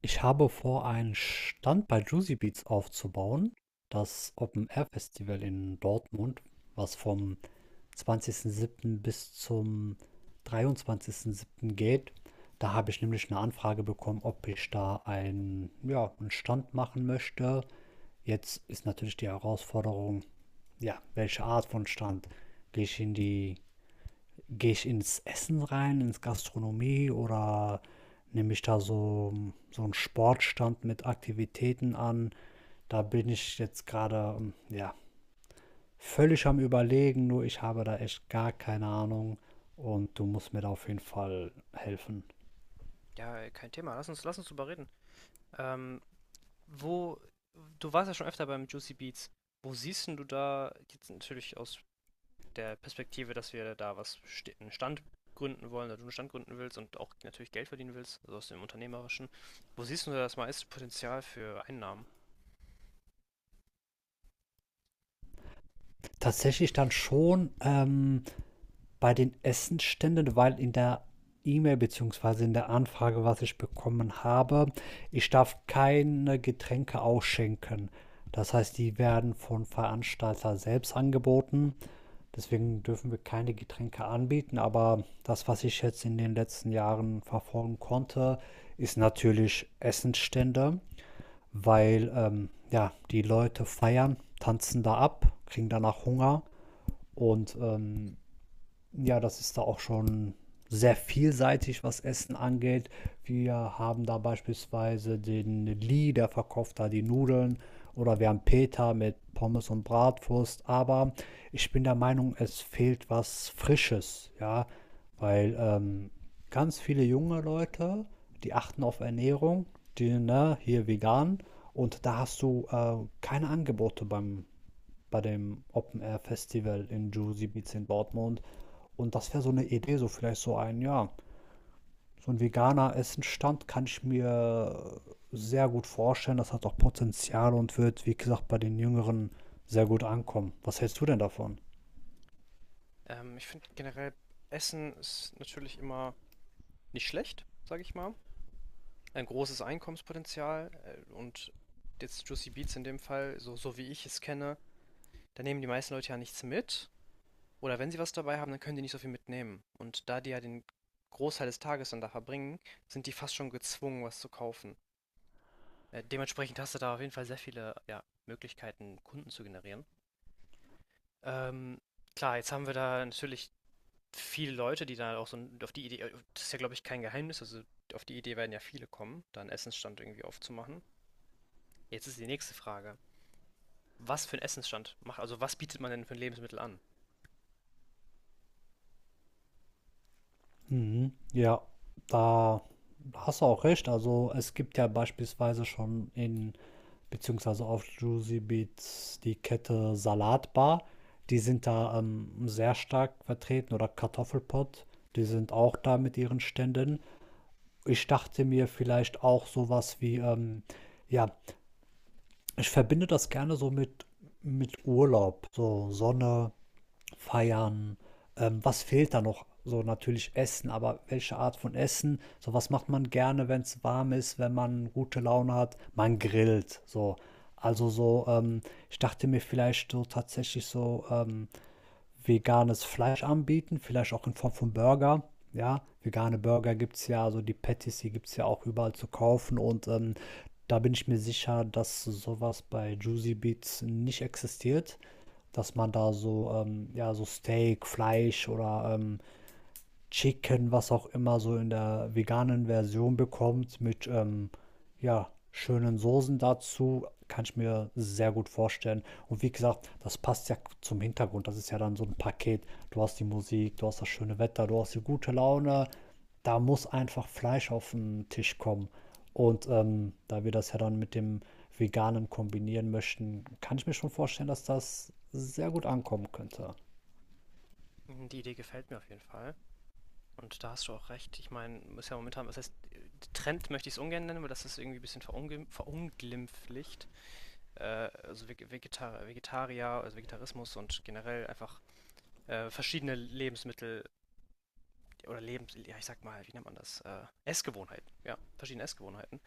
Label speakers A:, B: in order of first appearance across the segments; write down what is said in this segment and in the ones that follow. A: Ich habe vor, einen Stand bei Juicy Beats aufzubauen. Das Open Air Festival in Dortmund, was vom 20.07. bis zum 23.07. geht. Da habe ich nämlich eine Anfrage bekommen, ob ich da einen, ja, einen Stand machen möchte. Jetzt ist natürlich die Herausforderung, ja, welche Art von Stand? Gehe ich in die Gehe ich ins Essen rein, ins Gastronomie oder nehme ich da so einen Sportstand mit Aktivitäten an? Da bin ich jetzt gerade, ja, völlig am Überlegen, nur ich habe da echt gar keine Ahnung und du musst mir da auf jeden Fall helfen.
B: Ja, kein Thema. Lass uns drüber reden. Ähm, wo, du warst ja schon öfter beim Juicy Beats. Wo siehst denn du da, jetzt natürlich aus der Perspektive, dass wir da einen Stand gründen wollen, oder du einen Stand gründen willst und auch natürlich Geld verdienen willst, also aus dem Unternehmerischen. Wo siehst du da das meiste Potenzial für Einnahmen?
A: Tatsächlich dann schon bei den Essensständen, weil in der E-Mail beziehungsweise in der Anfrage, was ich bekommen habe, ich darf keine Getränke ausschenken. Das heißt, die werden von Veranstalter selbst angeboten. Deswegen dürfen wir keine Getränke anbieten, aber das, was ich jetzt in den letzten Jahren verfolgen konnte, ist natürlich Essensstände, weil ja, die Leute feiern, tanzen da ab, kriegen danach Hunger und ja, das ist da auch schon sehr vielseitig, was Essen angeht. Wir haben da beispielsweise den Lee, der verkauft da die Nudeln. Oder wir haben Peter mit Pommes und Bratwurst. Aber ich bin der Meinung, es fehlt was Frisches, ja. Weil ganz viele junge Leute, die achten auf Ernährung, die, ne, hier vegan. Und da hast du keine Angebote beim bei dem Open Air Festival in Juicy Beats in Dortmund. Und das wäre so eine Idee, so vielleicht so ein, ja, so ein veganer Essenstand kann ich mir sehr gut vorstellen. Das hat auch Potenzial und wird, wie gesagt, bei den Jüngeren sehr gut ankommen. Was hältst du denn davon?
B: Ich finde generell, Essen ist natürlich immer nicht schlecht, sage ich mal. Ein großes Einkommenspotenzial und jetzt Juicy Beats in dem Fall, so wie ich es kenne, da nehmen die meisten Leute ja nichts mit. Oder wenn sie was dabei haben, dann können die nicht so viel mitnehmen. Und da die ja den Großteil des Tages dann da verbringen, sind die fast schon gezwungen, was zu kaufen. Dementsprechend hast du da auf jeden Fall sehr viele ja, Möglichkeiten, Kunden zu generieren. Ähm, klar, jetzt haben wir da natürlich viele Leute, die da auch so das ist ja, glaube ich, kein Geheimnis, also auf die Idee werden ja viele kommen, da einen Essensstand irgendwie aufzumachen. Jetzt ist die nächste Frage. Was für einen Essensstand macht, also was bietet man denn für ein Lebensmittel an?
A: Mhm. Ja, da hast du auch recht. Also es gibt ja beispielsweise schon in, beziehungsweise auf Juicy Beats die Kette Salatbar. Die sind da sehr stark vertreten oder Kartoffelpott. Die sind auch da mit ihren Ständen. Ich dachte mir vielleicht auch sowas wie, ja, ich verbinde das gerne so mit Urlaub. So Sonne, Feiern. Was fehlt da noch? So natürlich Essen, aber welche Art von Essen? So was macht man gerne, wenn es warm ist, wenn man gute Laune hat? Man grillt. So. Also so, ich dachte mir vielleicht so tatsächlich so, veganes Fleisch anbieten, vielleicht auch in Form von Burger. Ja, vegane Burger gibt es ja, also die Patties, die gibt es ja auch überall zu kaufen und da bin ich mir sicher, dass sowas bei Juicy Beats nicht existiert, dass man da so, ja, so Steak, Fleisch oder Chicken, was auch immer, so in der veganen Version bekommt mit ja, schönen Soßen dazu, kann ich mir sehr gut vorstellen. Und wie gesagt, das passt ja zum Hintergrund. Das ist ja dann so ein Paket. Du hast die Musik, du hast das schöne Wetter, du hast die gute Laune. Da muss einfach Fleisch auf den Tisch kommen. Und da wir das ja dann mit dem Veganen kombinieren möchten, kann ich mir schon vorstellen, dass das sehr gut ankommen könnte.
B: Hm, die Idee gefällt mir auf jeden Fall. Und da hast du auch recht. Ich meine, ist ja momentan, was heißt, Trend möchte ich es ungern nennen, weil das ist irgendwie ein bisschen verunglimpflicht. Äh, also Vegetarier, also Vegetarismus und generell einfach verschiedene Lebensmittel oder ja, ich sag mal, wie nennt man das? Essgewohnheiten. Ja, verschiedene Essgewohnheiten.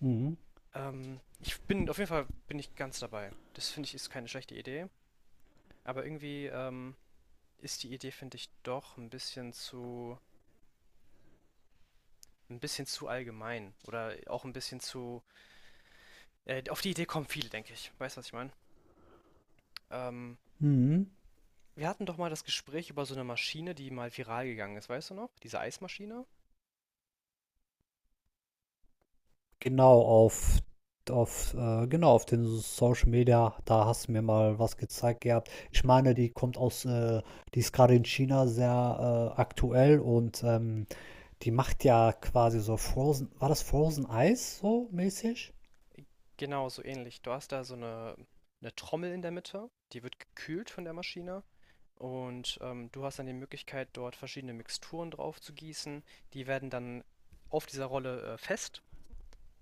A: Mhm.
B: Auf jeden Fall bin ich ganz dabei. Das finde ich ist keine schlechte Idee. Aber irgendwie ist die Idee, finde ich, doch ein bisschen zu allgemein oder auch ein bisschen zu auf die Idee kommen viele, denke ich. Weißt du, was ich meine? Ähm,
A: Mhm.
B: wir hatten doch mal das Gespräch über so eine Maschine, die mal viral gegangen ist, weißt du noch? Diese Eismaschine?
A: Genau, auf, genau, auf den Social Media, da hast du mir mal was gezeigt gehabt. Ich meine, die kommt aus, die ist gerade in China sehr aktuell und die macht ja quasi so Frozen, war das Frozen Eis so mäßig?
B: Genau, so ähnlich. Du hast da so eine Trommel in der Mitte, die wird gekühlt von der Maschine und, du hast dann die Möglichkeit, dort verschiedene Mixturen drauf zu gießen. Die werden dann auf dieser Rolle, fest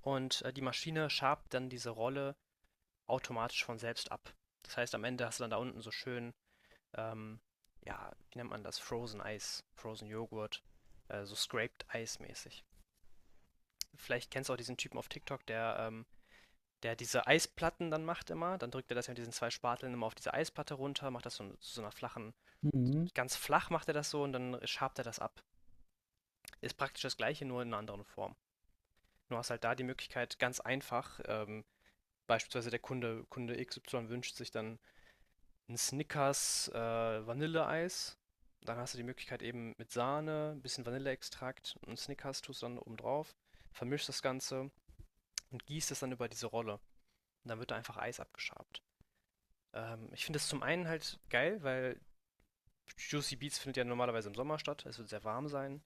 B: und, die Maschine schabt dann diese Rolle automatisch von selbst ab. Das heißt, am Ende hast du dann da unten so schön, ähm, ja, wie nennt man das? Frozen Eis, Frozen Joghurt, so scraped Ice mäßig. Vielleicht kennst du auch diesen Typen auf TikTok, der diese Eisplatten dann macht immer. Dann drückt er das ja mit diesen zwei Spateln immer auf diese Eisplatte runter, macht das so, zu so einer flachen,
A: Mhm.
B: ganz flach macht er das so und dann schabt er das ab. Ist praktisch das gleiche, nur in einer anderen Form. Du hast halt da die Möglichkeit, ganz einfach, beispielsweise Kunde X XY wünscht sich dann ein Snickers Vanilleeis. Dann hast du die Möglichkeit eben mit Sahne, ein bisschen Vanilleextrakt und Snickers tust du dann oben drauf, vermischst das Ganze und gießt es dann über diese Rolle. Und dann wird da einfach Eis abgeschabt. Ich finde es zum einen halt geil, weil Juicy Beats findet ja normalerweise im Sommer statt. Es wird sehr warm sein.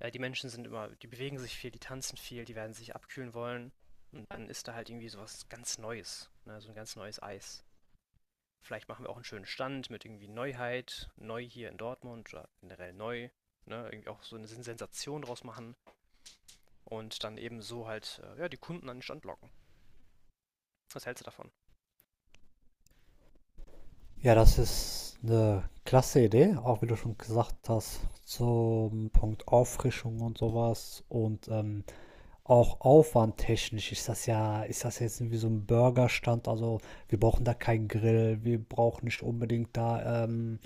B: Die Menschen sind immer, die bewegen sich viel, die tanzen viel, die werden sich abkühlen wollen. Und dann ist da halt irgendwie sowas ganz Neues, ne? So ein ganz neues Eis. Vielleicht machen wir auch einen schönen Stand mit irgendwie Neuheit, neu hier in Dortmund oder generell neu. Ne? Irgendwie auch so eine Sensation draus machen und dann eben so halt ja, die Kunden an den Stand locken. Was hältst du davon?
A: Ja, das ist eine klasse Idee, auch wie du schon gesagt hast, zum Punkt Auffrischung und sowas. Und auch aufwandtechnisch ist das jetzt irgendwie so ein Burgerstand? Also, wir brauchen da keinen Grill, wir brauchen nicht unbedingt da,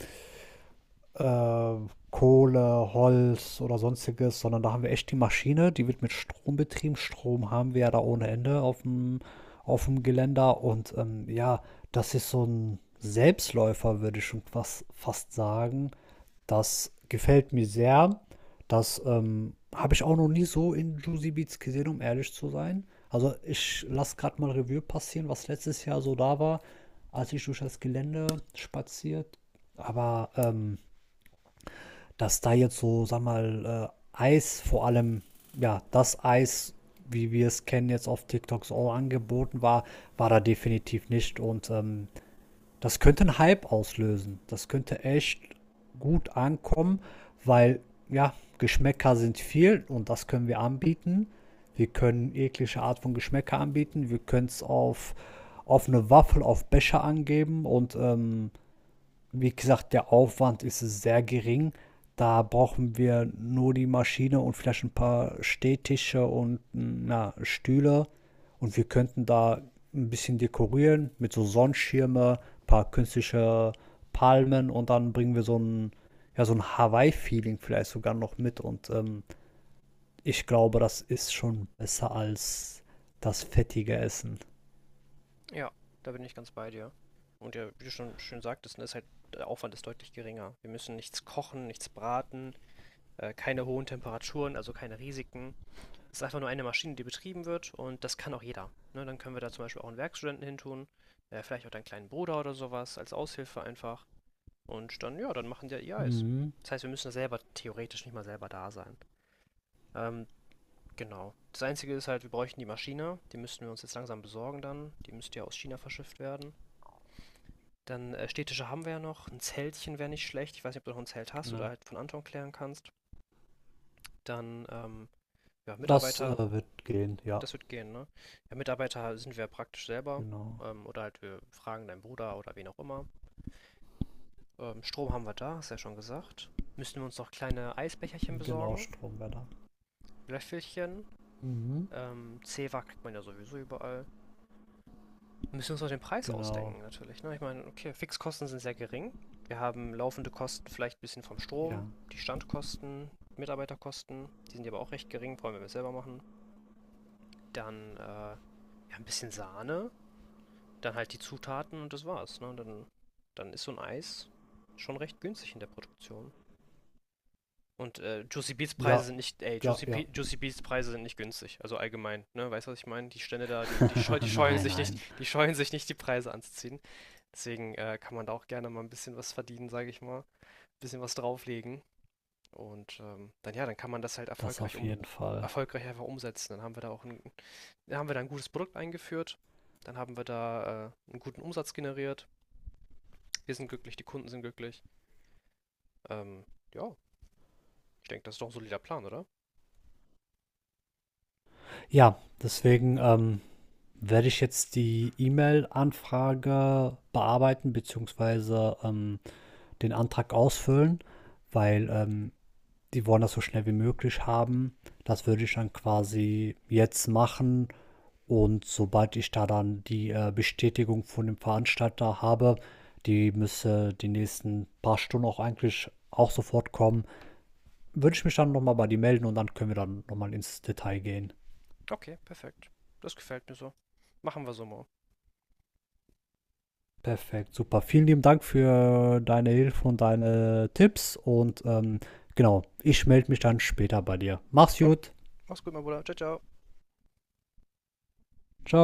A: äh, Kohle, Holz oder sonstiges, sondern da haben wir echt die Maschine, die wird mit Strom betrieben. Strom haben wir ja da ohne Ende auf dem Geländer und ja, das ist so ein Selbstläufer, würde ich schon fast, fast sagen. Das gefällt mir sehr. Das habe ich auch noch nie so in Juicy Beats gesehen, um ehrlich zu sein. Also ich lasse gerade mal Revue passieren, was letztes Jahr so da war, als ich durch das Gelände spaziert. Aber dass da jetzt so, sag mal, Eis vor allem, ja, das Eis, wie wir es kennen, jetzt auf TikTok so angeboten war, war da definitiv nicht. Und das könnte einen Hype auslösen. Das könnte echt gut ankommen, weil, ja, Geschmäcker sind viel und das können wir anbieten. Wir können jegliche Art von Geschmäcker anbieten. Wir können es auf eine Waffel, auf Becher angeben und wie gesagt, der Aufwand ist sehr gering. Da brauchen wir nur die Maschine und vielleicht ein paar Stehtische und na, Stühle. Und wir könnten da ein bisschen dekorieren mit so Sonnenschirme, ein paar künstliche Palmen und dann bringen wir so ein, ja, so ein Hawaii-Feeling vielleicht sogar noch mit. Und ich glaube, das ist schon besser als das fettige Essen.
B: Ja, da bin ich ganz bei dir. Und ja, wie du schon schön sagtest, ne, ist halt der Aufwand ist deutlich geringer. Wir müssen nichts kochen, nichts braten, keine hohen Temperaturen, also keine Risiken. Es ist einfach nur eine Maschine, die betrieben wird und das kann auch jeder. Ne, dann können wir da zum Beispiel auch einen Werkstudenten hintun, vielleicht auch deinen kleinen Bruder oder sowas, als Aushilfe einfach. Und dann, ja, dann machen die ja ihr Eis.
A: Mhm,
B: Das heißt, wir müssen da selber theoretisch nicht mal selber da sein. Ähm, genau. Das Einzige ist halt, wir bräuchten die Maschine. Die müssten wir uns jetzt langsam besorgen dann. Die müsste ja aus China verschifft werden. Dann, Städtische haben wir ja noch. Ein Zeltchen wäre nicht schlecht. Ich weiß nicht, ob du noch 'n Zelt hast
A: genau.
B: oder halt von Anton klären kannst. Dann, ja,
A: Das
B: Mitarbeiter,
A: wird gehen, ja.
B: das wird gehen, ne? Ja, Mitarbeiter sind wir praktisch selber,
A: Genau.
B: oder halt wir fragen deinen Bruder oder wen auch immer. Strom haben wir da, hast du ja schon gesagt. Müssten wir uns noch kleine Eisbecherchen
A: Genau,
B: besorgen,
A: Stromwetter.
B: Löffelchen.
A: Mhm,
B: Zewa kriegt man ja sowieso überall. Müssen wir müssen uns noch den Preis
A: genau.
B: ausdenken, natürlich. Ne? Ich meine, okay, Fixkosten sind sehr gering. Wir haben laufende Kosten vielleicht ein bisschen vom
A: Ja.
B: Strom, die Standkosten, Mitarbeiterkosten, die sind ja aber auch recht gering, vor allem wenn wir es selber machen. Dann ja, ein bisschen Sahne, dann halt die Zutaten und das war's. Ne? Dann ist so ein Eis schon recht günstig in der Produktion. Und Juicy Beats Preise
A: Ja,
B: sind nicht, ey,
A: ja,
B: Juicy,
A: ja.
B: Pe- Juicy Beats Preise sind nicht günstig. Also allgemein, ne, weißt du, was ich meine? Die Stände da, die scheuen
A: Nein,
B: sich nicht,
A: nein.
B: die scheuen sich nicht, die Preise anzuziehen. Deswegen kann man da auch gerne mal ein bisschen was verdienen, sage ich mal, ein bisschen was drauflegen. Und dann ja, dann kann man das halt
A: Das auf jeden Fall.
B: erfolgreich einfach umsetzen. Dann haben wir da auch dann haben wir da ein gutes Produkt eingeführt, dann haben wir da einen guten Umsatz generiert. Wir sind glücklich, die Kunden sind glücklich. Ähm, ja, ich denke, das ist doch ein solider Plan, oder?
A: Ja, deswegen werde ich jetzt die E-Mail-Anfrage bearbeiten, beziehungsweise den Antrag ausfüllen, weil die wollen das so schnell wie möglich haben. Das würde ich dann quasi jetzt machen. Und sobald ich da dann die, Bestätigung von dem Veranstalter habe, die müsste die nächsten paar Stunden auch eigentlich auch sofort kommen, würde ich mich dann nochmal, bei dir melden und dann können wir dann nochmal ins Detail gehen.
B: Okay, perfekt. Das gefällt mir so. Machen wir so mal.
A: Perfekt, super. Vielen lieben Dank für deine Hilfe und deine Tipps und, genau, ich melde mich dann später bei dir. Mach's
B: Okay.
A: gut.
B: Mach's gut, mein Bruder. Ciao, ciao.
A: Ciao.